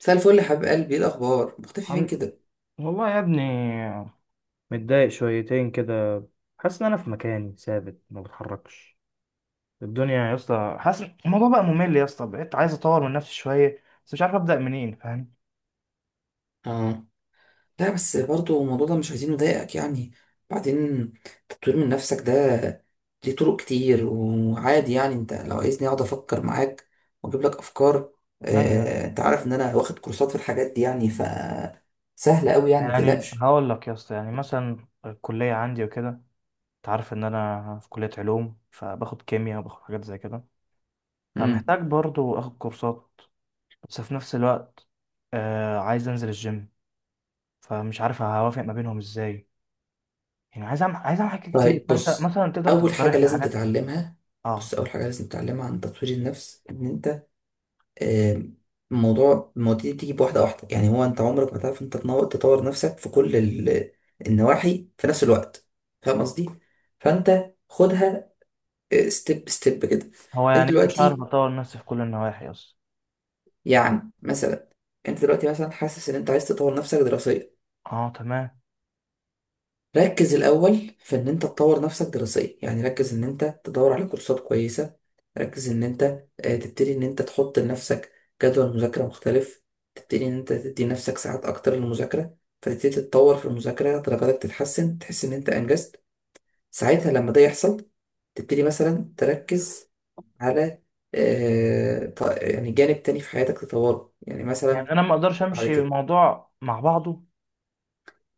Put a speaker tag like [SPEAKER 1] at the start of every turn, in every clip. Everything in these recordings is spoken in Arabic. [SPEAKER 1] مساء الفل يا حبيب قلبي، ايه الاخبار؟ مختفي فين
[SPEAKER 2] الحمد
[SPEAKER 1] كده؟
[SPEAKER 2] والله يا ابني، متضايق شويتين كده. حاسس ان انا في مكاني ثابت ما بتحركش الدنيا يا اسطى. حاسس الموضوع بقى ممل يا اسطى، بقيت عايز اطور من نفسي شويه بس مش عارف ابدا منين، فاهم؟
[SPEAKER 1] اه لا بس برضو الموضوع ده مش عايزين نضايقك يعني. بعدين تطوير من نفسك ده ليه طرق كتير وعادي، يعني انت لو عايزني اقعد افكر معاك واجيب لك افكار.
[SPEAKER 2] ايوه،
[SPEAKER 1] انت عارف ان انا واخد كورسات في الحاجات دي، يعني سهله قوي، يعني ما
[SPEAKER 2] يعني
[SPEAKER 1] تقلقش.
[SPEAKER 2] هقول لك يا اسطى، يعني مثلا الكليه عندي وكده، انت عارف ان انا في كليه علوم فباخد كيمياء وباخد حاجات زي كده،
[SPEAKER 1] امم
[SPEAKER 2] فمحتاج برضو اخد كورسات. بس في نفس الوقت آه عايز انزل الجيم، فمش عارف هوافق ما بينهم ازاي. يعني عايز أعمل حاجات كتير،
[SPEAKER 1] طيب
[SPEAKER 2] فأنت
[SPEAKER 1] بص،
[SPEAKER 2] مثلا تقدر
[SPEAKER 1] اول حاجه
[SPEAKER 2] تقترح لي
[SPEAKER 1] لازم
[SPEAKER 2] حاجات.
[SPEAKER 1] تتعلمها. بص،
[SPEAKER 2] أه.
[SPEAKER 1] اول حاجه لازم تتعلمها عن تطوير النفس ان انت، آم، المواضيع دي بتيجي بواحدة واحدة. يعني هو انت عمرك ما تعرف انت تطور نفسك في كل النواحي في نفس الوقت. فاهم قصدي؟ فانت خدها ستيب ستيب كده.
[SPEAKER 2] هو
[SPEAKER 1] انت
[SPEAKER 2] يعني إيه مش هعرف
[SPEAKER 1] دلوقتي،
[SPEAKER 2] أطور نفسي في كل النواحي أصلا؟
[SPEAKER 1] يعني مثلا، انت دلوقتي مثلا حاسس ان انت عايز تطور نفسك دراسيا.
[SPEAKER 2] أه تمام.
[SPEAKER 1] ركز الأول في إن أنت تطور نفسك دراسيا، يعني ركز إن أنت تدور على كورسات كويسة، ركز إن أنت تبتدي إن أنت تحط لنفسك جدول مذاكرة مختلف، تبتدي إن أنت تدي نفسك ساعات أكتر للمذاكرة، فتبتدي تتطور في المذاكرة، درجاتك تتحسن، تحس إن أنت أنجزت. ساعتها لما ده يحصل، تبتدي مثلا تركز على يعني جانب تاني في حياتك تطوره، يعني
[SPEAKER 2] يعني
[SPEAKER 1] مثلا
[SPEAKER 2] أنا ما أقدرش
[SPEAKER 1] بعد
[SPEAKER 2] أمشي
[SPEAKER 1] كده
[SPEAKER 2] الموضوع مع بعضه.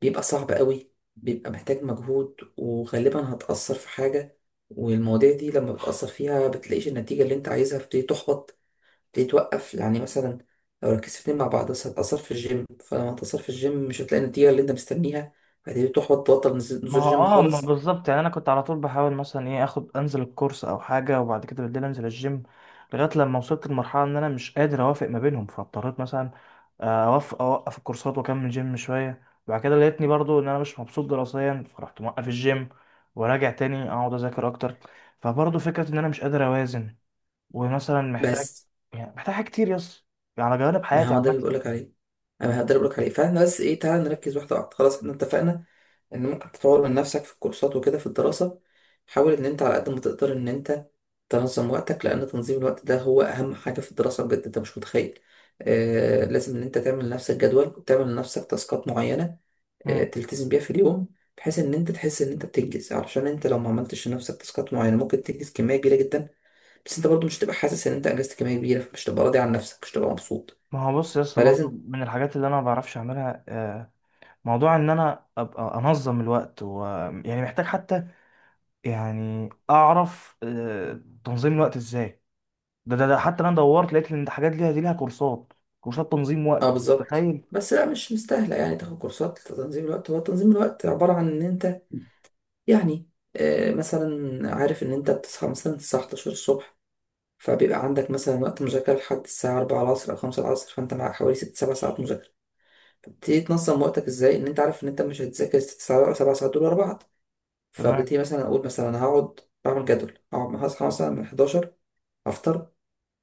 [SPEAKER 1] بيبقى صعب قوي، بيبقى محتاج مجهود وغالبا هتأثر في حاجة، والمواضيع دي لما بتأثر فيها بتلاقيش النتيجة اللي انت عايزها، بتبتدي تحبط، بتبتدي توقف. يعني مثلا لو ركزت اتنين مع بعض، بس هتأثر في الجيم، فلما هتأثر في الجيم مش هتلاقي النتيجة اللي انت مستنيها، هتبتدي تحبط، تبطل نزول
[SPEAKER 2] ما
[SPEAKER 1] نزول
[SPEAKER 2] هو
[SPEAKER 1] الجيم
[SPEAKER 2] اه ما
[SPEAKER 1] خالص.
[SPEAKER 2] بالظبط، يعني انا كنت على طول بحاول مثلا ايه اخد انزل الكورس او حاجه وبعد كده بالليل انزل الجيم، لغايه لما وصلت لمرحله ان انا مش قادر اوافق ما بينهم، فاضطريت مثلا اوقف الكورسات واكمل جيم شويه. بعد كده لقيتني برضو ان انا مش مبسوط دراسيا، فرحت موقف الجيم وراجع تاني اقعد اذاكر اكتر. فبرضو فكره ان انا مش قادر اوازن، ومثلا محتاج،
[SPEAKER 1] بس
[SPEAKER 2] يعني محتاج حاجات كتير يس على جوانب
[SPEAKER 1] ما
[SPEAKER 2] حياتي
[SPEAKER 1] هو ده
[SPEAKER 2] عامه.
[SPEAKER 1] اللي بقولك عليه، انا ده اللي بقولك عليه. فاحنا بس ايه، تعالى نركز واحدة واحدة. خلاص احنا اتفقنا ان ممكن تطور من نفسك في الكورسات وكده في الدراسة. حاول ان انت على قد ما تقدر ان انت تنظم وقتك، لان تنظيم الوقت ده هو اهم حاجة في الدراسة بجد، انت مش متخيل. آه، لازم ان انت تعمل لنفسك جدول، وتعمل لنفسك تاسكات معينة، آه،
[SPEAKER 2] مم.
[SPEAKER 1] تلتزم بيها في اليوم، بحيث ان انت تحس ان انت بتنجز. علشان انت لو ما عملتش لنفسك تاسكات معينة، ممكن تنجز كمية كبيرة جدا بس انت برضو مش هتبقى حاسس ان انت انجزت كمية كبيرة، فمش هتبقى راضي عن نفسك، مش هتبقى مبسوط.
[SPEAKER 2] ما هو بص يا اسطى، برضو
[SPEAKER 1] فلازم.
[SPEAKER 2] من الحاجات اللي انا ما بعرفش اعملها موضوع ان انا ابقى انظم الوقت و... يعني محتاج حتى، يعني اعرف تنظيم الوقت ازاي. ده حتى انا دورت لقيت ان الحاجات دي لها كورسات، كورسات تنظيم
[SPEAKER 1] اه
[SPEAKER 2] وقت،
[SPEAKER 1] بالظبط،
[SPEAKER 2] متخيل؟
[SPEAKER 1] بس لا مش مستاهلة يعني تاخد كورسات لتنظيم الوقت. هو تنظيم الوقت عبارة عن ان انت، يعني مثلا عارف ان انت بتصحى مثلا الساعة 11 الصبح، فبيبقى عندك مثلا وقت مذاكرة لحد الساعة 4 العصر او 5 العصر، فانت معاك حوالي 6 7 ساعات مذاكرة. فبتبتدي تنظم وقتك ازاي. ان انت عارف ان انت مش هتذاكر 6 ساعات ولا 7 ساعات دول ورا بعض،
[SPEAKER 2] تمام.
[SPEAKER 1] فببتدي مثلا اقول مثلا هقعد اعمل جدول. هقعد هصحى مثلا من 11، افطر،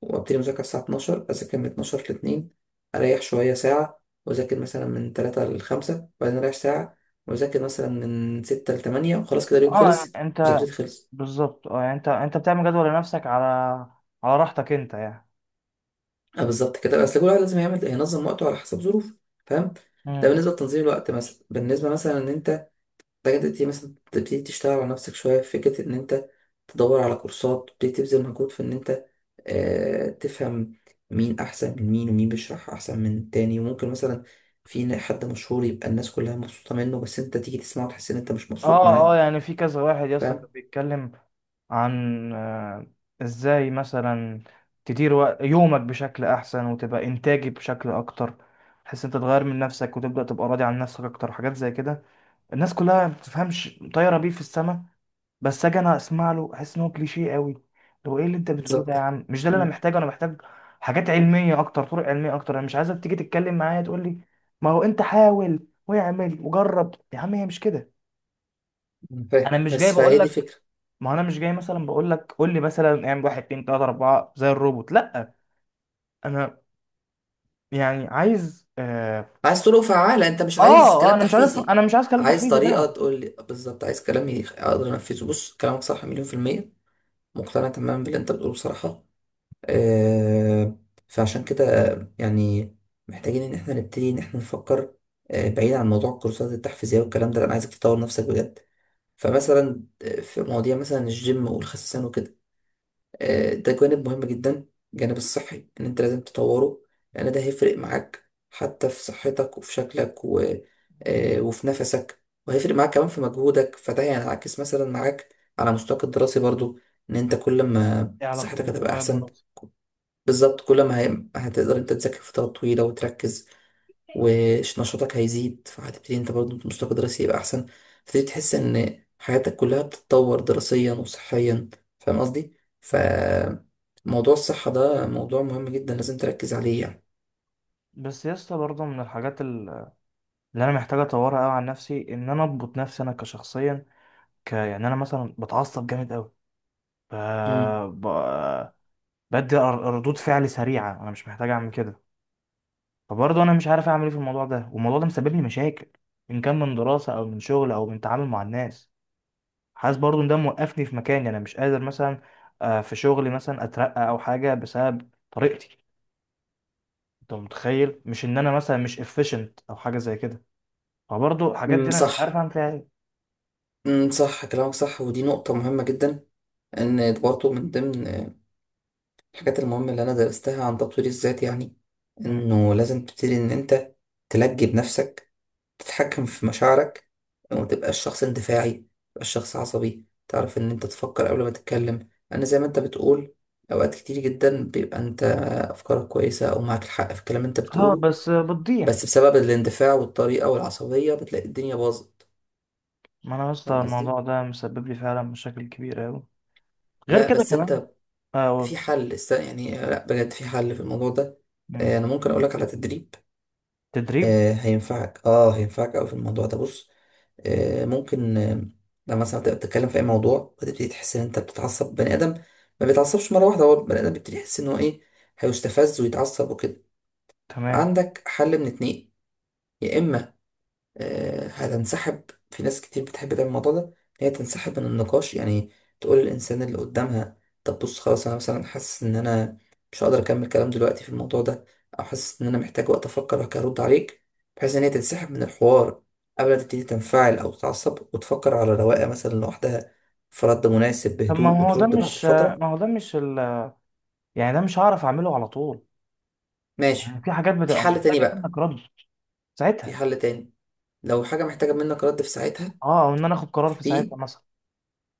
[SPEAKER 1] وابتدي مذاكرة الساعة 12، اذاكر من 12 ل 2، اريح شوية ساعة، واذاكر مثلا من 3 ل 5، وبعدين اريح ساعة، واذاكر مثلا من 6 ل 8، وخلاص كده اليوم
[SPEAKER 2] اه يعني
[SPEAKER 1] خلص،
[SPEAKER 2] انت،
[SPEAKER 1] مذاكرتي خلصت.
[SPEAKER 2] بالظبط. اه يعني انت بتعمل جدول لنفسك على، على راحتك انت يعني.
[SPEAKER 1] آه، بالظبط كده، اصل كل واحد لازم ينظم وقته على حسب ظروفه، فاهم؟ ده
[SPEAKER 2] مم.
[SPEAKER 1] بالنسبه لتنظيم الوقت. مثلا بالنسبه مثلا ان انت محتاج تبتدي تشتغل على نفسك شويه، في فكره ان انت تدور على كورسات، تبتدي تبذل مجهود في ان انت آه تفهم مين احسن من مين، ومين بيشرح احسن من التاني. وممكن مثلا في حد مشهور يبقى الناس كلها مبسوطه منه، بس انت تيجي تسمعه وتحس ان انت مش مبسوط
[SPEAKER 2] اه اه،
[SPEAKER 1] معاه،
[SPEAKER 2] يعني في كذا واحد يا اسطى كان
[SPEAKER 1] فاهم؟
[SPEAKER 2] بيتكلم عن ازاي مثلا تدير وق- يومك بشكل احسن وتبقى انتاجي بشكل اكتر، تحس انت تغير من نفسك وتبدأ تبقى راضي عن نفسك اكتر، حاجات زي كده. الناس كلها ما بتفهمش، طايره بيه في السما، بس اجي انا اسمع له احس ان هو كليشيه قوي. لو ايه اللي انت بتقوله ده يا
[SPEAKER 1] بالظبط.
[SPEAKER 2] عم، مش ده اللي انا
[SPEAKER 1] مم.
[SPEAKER 2] محتاجه. انا محتاج حاجات علميه اكتر، طرق علميه اكتر. انا مش عايزك تيجي تتكلم معايا تقول لي ما هو انت حاول واعمل وجرب يا عم، هي مش كده.
[SPEAKER 1] مم. فاهم،
[SPEAKER 2] انا مش جاي
[SPEAKER 1] بس
[SPEAKER 2] بقول
[SPEAKER 1] فهي دي
[SPEAKER 2] لك،
[SPEAKER 1] فكره.
[SPEAKER 2] ما انا مش جاي مثلا بقول لك قول لي مثلا اعمل واحد اتنين تلاته اربعه زي الروبوت، لا. انا يعني عايز اه.
[SPEAKER 1] عايز طرق فعالة، انت مش
[SPEAKER 2] اه.
[SPEAKER 1] عايز كلام تحفيزي.
[SPEAKER 2] انا مش عايز كلام
[SPEAKER 1] عايز
[SPEAKER 2] تحفيزي
[SPEAKER 1] طريقة
[SPEAKER 2] فعلا.
[SPEAKER 1] تقول لي بالظبط، عايز كلام اقدر انفذه. بص، كلامك صح 100%، مقتنع تماما باللي انت بتقوله بصراحة. أه، فعشان كده، يعني محتاجين ان احنا نبتدي ان احنا نفكر أه بعيد عن موضوع الكورسات التحفيزية والكلام ده، لأ، انا عايزك تطور نفسك بجد. فمثلا آه، في مواضيع مثلا الجيم والخسسان وكده، آه، ده جانب مهم جدا، الجانب الصحي ان انت لازم تطوره، لان ده هيفرق معاك حتى في صحتك وفي شكلك و... آه، وفي نفسك، وهيفرق معاك كمان في مجهودك، فده هينعكس مثلا معاك على مستواك الدراسي برضو. ان انت كل ما
[SPEAKER 2] ايه علاقته
[SPEAKER 1] صحتك هتبقى
[SPEAKER 2] بمستوى
[SPEAKER 1] احسن،
[SPEAKER 2] الدراسي؟
[SPEAKER 1] بالظبط، كل ما هي... هتقدر انت تذاكر فترات طويلة وتركز، ونشاطك هيزيد، فهتبتدي انت برضه مستواك الدراسي يبقى احسن، فتبتدي تحس ان حياتك كلها بتتطور دراسيا وصحيا، فاهم قصدي؟ ف
[SPEAKER 2] مم.
[SPEAKER 1] موضوع الصحة ده موضوع مهم جدا لازم تركز عليه يعني.
[SPEAKER 2] بس يا اسطى برضه من اللي انا محتاج اطورها قوي عن نفسي، ان انا اضبط نفسي انا كشخصيا، ك يعني انا مثلا بتعصب جامد قوي، ف
[SPEAKER 1] مم.
[SPEAKER 2] ب... بدي ر- ردود فعل سريعه، انا مش محتاج اعمل كده. فبرضه انا مش عارف اعمل ايه في الموضوع ده، والموضوع ده مسبب لي مشاكل، ان كان من دراسه او من شغل او من تعامل مع الناس. حاسس برضو ان ده موقفني في مكاني، انا مش قادر مثلا في شغلي مثلا اترقى او حاجه بسبب طريقتي. انت متخيل مش ان انا مثلا مش efficient او حاجه زي كده؟ فبرضو الحاجات دي
[SPEAKER 1] مم،
[SPEAKER 2] انا مش عارف
[SPEAKER 1] صح.
[SPEAKER 2] اعمل فيها ايه.
[SPEAKER 1] مم، صح، كلامك صح، ودي نقطة مهمة جدا. ان برضه من ضمن آه، الحاجات المهمة اللي انا درستها عن تطوير الذات يعني،
[SPEAKER 2] مم.
[SPEAKER 1] انه لازم تبتدي ان انت تلجي بنفسك، تتحكم في مشاعرك، وما تبقاش شخص اندفاعي، ما تبقاش شخص عصبي، تعرف ان انت تفكر قبل ما تتكلم، لان زي ما انت بتقول، اوقات كتير جدا بيبقى انت افكارك كويسة او معاك الحق في الكلام اللي انت
[SPEAKER 2] اه،
[SPEAKER 1] بتقوله،
[SPEAKER 2] بس بتضيع.
[SPEAKER 1] بس بسبب الاندفاع والطريقة والعصبية بتلاقي الدنيا باظت.
[SPEAKER 2] ما انا يا اسطى
[SPEAKER 1] فاهم قصدي؟
[SPEAKER 2] الموضوع ده مسبب لي فعلا مشاكل كبيره قوي. غير
[SPEAKER 1] لا
[SPEAKER 2] كده
[SPEAKER 1] بس
[SPEAKER 2] كمان،
[SPEAKER 1] انت، في
[SPEAKER 2] اقول،
[SPEAKER 1] يعني لا، بجد في حل في الموضوع ده. آه، انا ممكن اقولك على تدريب،
[SPEAKER 2] تدريب؟
[SPEAKER 1] آه، هينفعك، اه هينفعك اوي في الموضوع ده. بص، آه، ممكن آه، لما مثلا تبقى بتتكلم في اي موضوع وتبتدي تحس ان انت بتتعصب، بني ادم ما بيتعصبش مره واحده، هو بني ادم بيبتدي يحس ان هو ايه، هيستفز ويتعصب وكده.
[SPEAKER 2] تمام.
[SPEAKER 1] عندك حل من اتنين، يا اما آه، هتنسحب، في ناس كتير بتحب تعمل الموضوع ده، إن هي تنسحب من النقاش، يعني تقول للإنسان اللي قدامها طب بص خلاص، أنا مثلا حاسس إن أنا مش هقدر أكمل كلام دلوقتي في الموضوع ده، أو حاسس إن أنا محتاج وقت أفكر هرد عليك، بحيث إن هي تنسحب من الحوار قبل ما تبتدي تنفعل أو تتعصب، وتفكر على رواقة مثلا لوحدها في رد مناسب
[SPEAKER 2] طب
[SPEAKER 1] بهدوء،
[SPEAKER 2] ما هو ده
[SPEAKER 1] وترد بعد
[SPEAKER 2] مش ما
[SPEAKER 1] فترة.
[SPEAKER 2] هو ده مش ال... يعني ده مش هعرف اعمله على طول. يعني
[SPEAKER 1] ماشي.
[SPEAKER 2] في حاجات
[SPEAKER 1] في
[SPEAKER 2] بتبقى
[SPEAKER 1] حل تاني
[SPEAKER 2] محتاجه
[SPEAKER 1] بقى،
[SPEAKER 2] منك رد
[SPEAKER 1] في
[SPEAKER 2] ساعتها.
[SPEAKER 1] حل تاني. لو حاجة محتاجة منك رد في ساعتها،
[SPEAKER 2] اه، او ان انا اخد قرار في
[SPEAKER 1] في
[SPEAKER 2] ساعتها مثلا.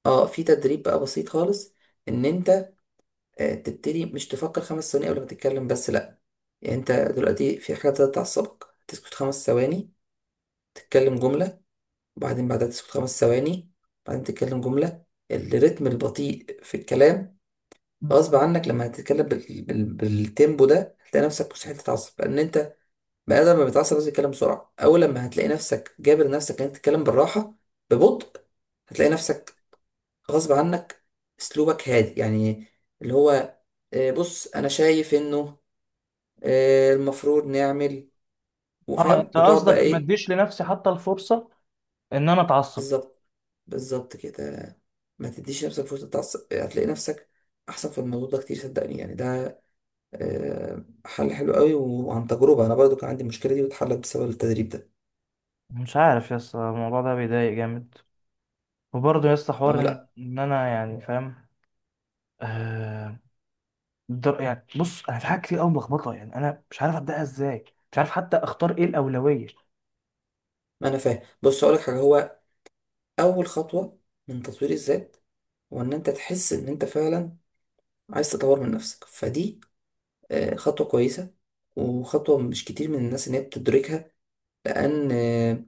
[SPEAKER 1] اه في تدريب بقى بسيط خالص، ان انت آه، تبتدي مش تفكر 5 ثواني قبل ما تتكلم بس، لأ، يعني أنت دلوقتي في حاجة ابتدت تعصبك، تسكت 5 ثواني، تتكلم جملة، وبعدين بعدها تسكت 5 ثواني، بعدين تتكلم جملة. الريتم البطيء في الكلام غصب عنك، لما هتتكلم بالتيمبو ده هتلاقي نفسك مستحيل تتعصب، لأن أنت بني آدم لما بيتعصب لازم يتكلم بسرعة. أول لما هتلاقي نفسك جابر نفسك إن أنت تتكلم بالراحة ببطء، هتلاقي نفسك غصب عنك أسلوبك هادي، يعني اللي هو آه، بص أنا شايف إنه آه، المفروض نعمل
[SPEAKER 2] اه،
[SPEAKER 1] وفاهم
[SPEAKER 2] انت
[SPEAKER 1] وتقعد بقى
[SPEAKER 2] قصدك ما
[SPEAKER 1] ايه.
[SPEAKER 2] اديش لنفسي حتى الفرصه ان انا اتعصب.
[SPEAKER 1] بالظبط، بالظبط كده. ما تديش نفسك فرصة تعصب، هتلاقي نفسك احسن في الموضوع ده كتير، صدقني يعني. ده آه، حل حلو قوي وعن تجربة، انا برضو كان عندي المشكلة دي واتحلت بسبب التدريب ده.
[SPEAKER 2] مش عارف يا اسطى، الموضوع ده بيضايق جامد. وبرضه يا اسطى
[SPEAKER 1] اه
[SPEAKER 2] حوار ان
[SPEAKER 1] لا.
[SPEAKER 2] إن انا يعني فاهم. آه يعني بص انا في حاجات كتير قوي ملخبطه، يعني انا مش عارف ابداها ازاي، مش عارف حتى اختار ايه الاولويه.
[SPEAKER 1] ما انا فاهم، بص اقول لك حاجة، هو اول خطوة من تطوير الذات هو ان انت تحس ان انت فعلا عايز تطور من نفسك، فدي آه، خطوة كويسة، وخطوة مش كتير من الناس ان هي بتدركها، لان آه،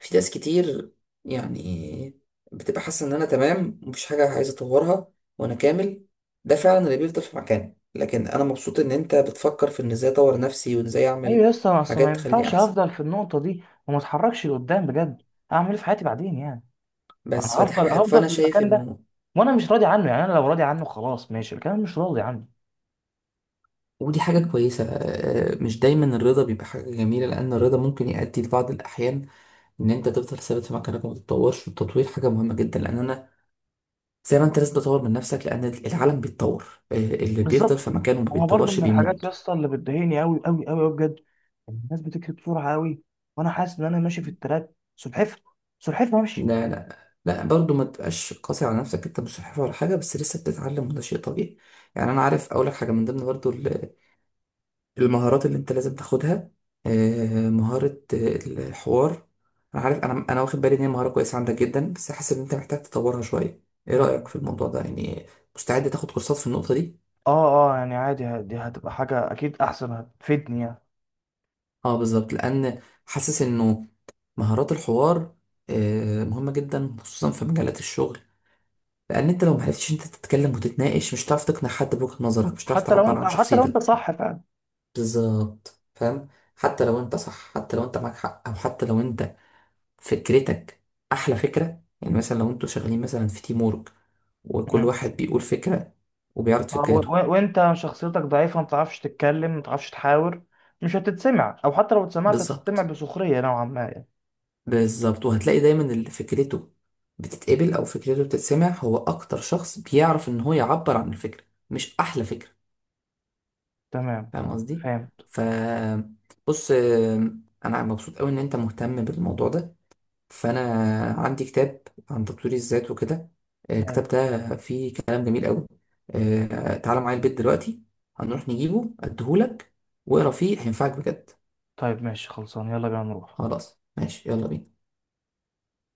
[SPEAKER 1] في ناس كتير يعني بتبقى حاسة إن أنا تمام، مفيش حاجة عايز أطورها وأنا كامل، ده فعلا اللي بيفضل في مكانه. لكن أنا مبسوط إن أنت بتفكر في إن إزاي أطور نفسي، وإن إزاي
[SPEAKER 2] ايوه
[SPEAKER 1] أعمل
[SPEAKER 2] يا اسطى، ما أصل ما
[SPEAKER 1] حاجات تخليني
[SPEAKER 2] ينفعش
[SPEAKER 1] أحسن.
[SPEAKER 2] هفضل في النقطه دي وما اتحركش لقدام بجد. اعمل ايه في حياتي بعدين يعني؟ انا
[SPEAKER 1] بس فدي حاجة
[SPEAKER 2] هفضل
[SPEAKER 1] حلوة،
[SPEAKER 2] هفضل
[SPEAKER 1] فأنا
[SPEAKER 2] في
[SPEAKER 1] شايف
[SPEAKER 2] المكان ده،
[SPEAKER 1] إنه
[SPEAKER 2] وانا مش راضي عنه. يعني انا لو راضي عنه خلاص ماشي، لكن انا مش راضي عنه.
[SPEAKER 1] ودي حاجة كويسة. آه، آه، مش دايما الرضا بيبقى حاجة جميلة، لأن الرضا ممكن يؤدي في بعض الأحيان إن أنت تفضل ثابت في مكانك وما تتطورش، والتطوير حاجة مهمة جدا، لأن أنا زي ما أنت لازم تطور من نفسك لأن العالم بيتطور. آه، اللي بيفضل
[SPEAKER 2] بالظبط.
[SPEAKER 1] في مكانه وما
[SPEAKER 2] انا برضو
[SPEAKER 1] بيتطورش
[SPEAKER 2] من الحاجات يا
[SPEAKER 1] بيموت.
[SPEAKER 2] اسطى اللي بتضايقني قوي قوي قوي بجد، إن الناس بتكتب بسرعه قوي، وانا حاسس ان انا ماشي في التراك سلحفه، سلحفه ماشي.
[SPEAKER 1] لا، لا برضه ما تبقاش قاسي على نفسك، انت مش صحفي ولا حاجه، بس لسه بتتعلم وده شيء طبيعي يعني. انا عارف، اقول لك حاجه من ضمن برضه المهارات اللي انت لازم تاخدها، آه، مهاره آه، الحوار. انا عارف، انا واخد بالي ان هي مهاره كويسه عندك جدا، بس حاسس ان انت محتاج تطورها شويه. ايه رايك
[SPEAKER 2] مم.
[SPEAKER 1] في الموضوع ده يعني؟ مستعد تاخد كورسات في النقطه دي؟
[SPEAKER 2] اه اه، يعني عادي، ه- دي هتبقى حاجه اكيد احسن، هتفيدني يعني.
[SPEAKER 1] اه بالظبط، لان حاسس انه مهارات الحوار آه، مهمه جدا خصوصا في مجالات الشغل، لان انت لو معرفتش انت تتكلم وتتناقش مش هتعرف تقنع حد بوجهة نظرك، مش هتعرف
[SPEAKER 2] حتى لو
[SPEAKER 1] تعبر
[SPEAKER 2] انت،
[SPEAKER 1] عن
[SPEAKER 2] حتى لو
[SPEAKER 1] شخصيتك.
[SPEAKER 2] انت صح فعلا.
[SPEAKER 1] بالظبط، فاهم. حتى لو انت صح، حتى لو انت معاك حق، او حتى لو انت فكرتك احلى فكرة. يعني مثلا لو انتوا شغالين مثلا في تيم وورك، وكل
[SPEAKER 2] مم.
[SPEAKER 1] واحد بيقول فكرة وبيعرض
[SPEAKER 2] آه،
[SPEAKER 1] فكرته.
[SPEAKER 2] وانت شخصيتك ضعيفه، ما بتعرفش تتكلم، ما بتعرفش تحاور، مش هتتسمع، او حتى لو اتسمعت هتتسمع
[SPEAKER 1] بالظبط،
[SPEAKER 2] بسخريه نوعا ما يعني.
[SPEAKER 1] بالظبط، وهتلاقي دايما اللي فكرته بتتقبل او فكرته بتتسمع هو اكتر شخص بيعرف ان هو يعبر عن الفكرة، مش احلى فكرة.
[SPEAKER 2] تمام،
[SPEAKER 1] فاهم
[SPEAKER 2] تمام،
[SPEAKER 1] قصدي؟
[SPEAKER 2] فهمت.
[SPEAKER 1] ف بص آم، انا مبسوط قوي ان انت مهتم بالموضوع ده. فانا عندي كتاب عن تطوير الذات وكده، آه، الكتاب
[SPEAKER 2] أيوة.
[SPEAKER 1] ده فيه كلام جميل قوي. آه، تعالى معايا البيت دلوقتي، هنروح نجيبه اديهولك واقرا فيه، هينفعك بجد.
[SPEAKER 2] طيب ماشي، خلصان، يلا بينا نروح.
[SPEAKER 1] خلاص ماشي، يلا بينا.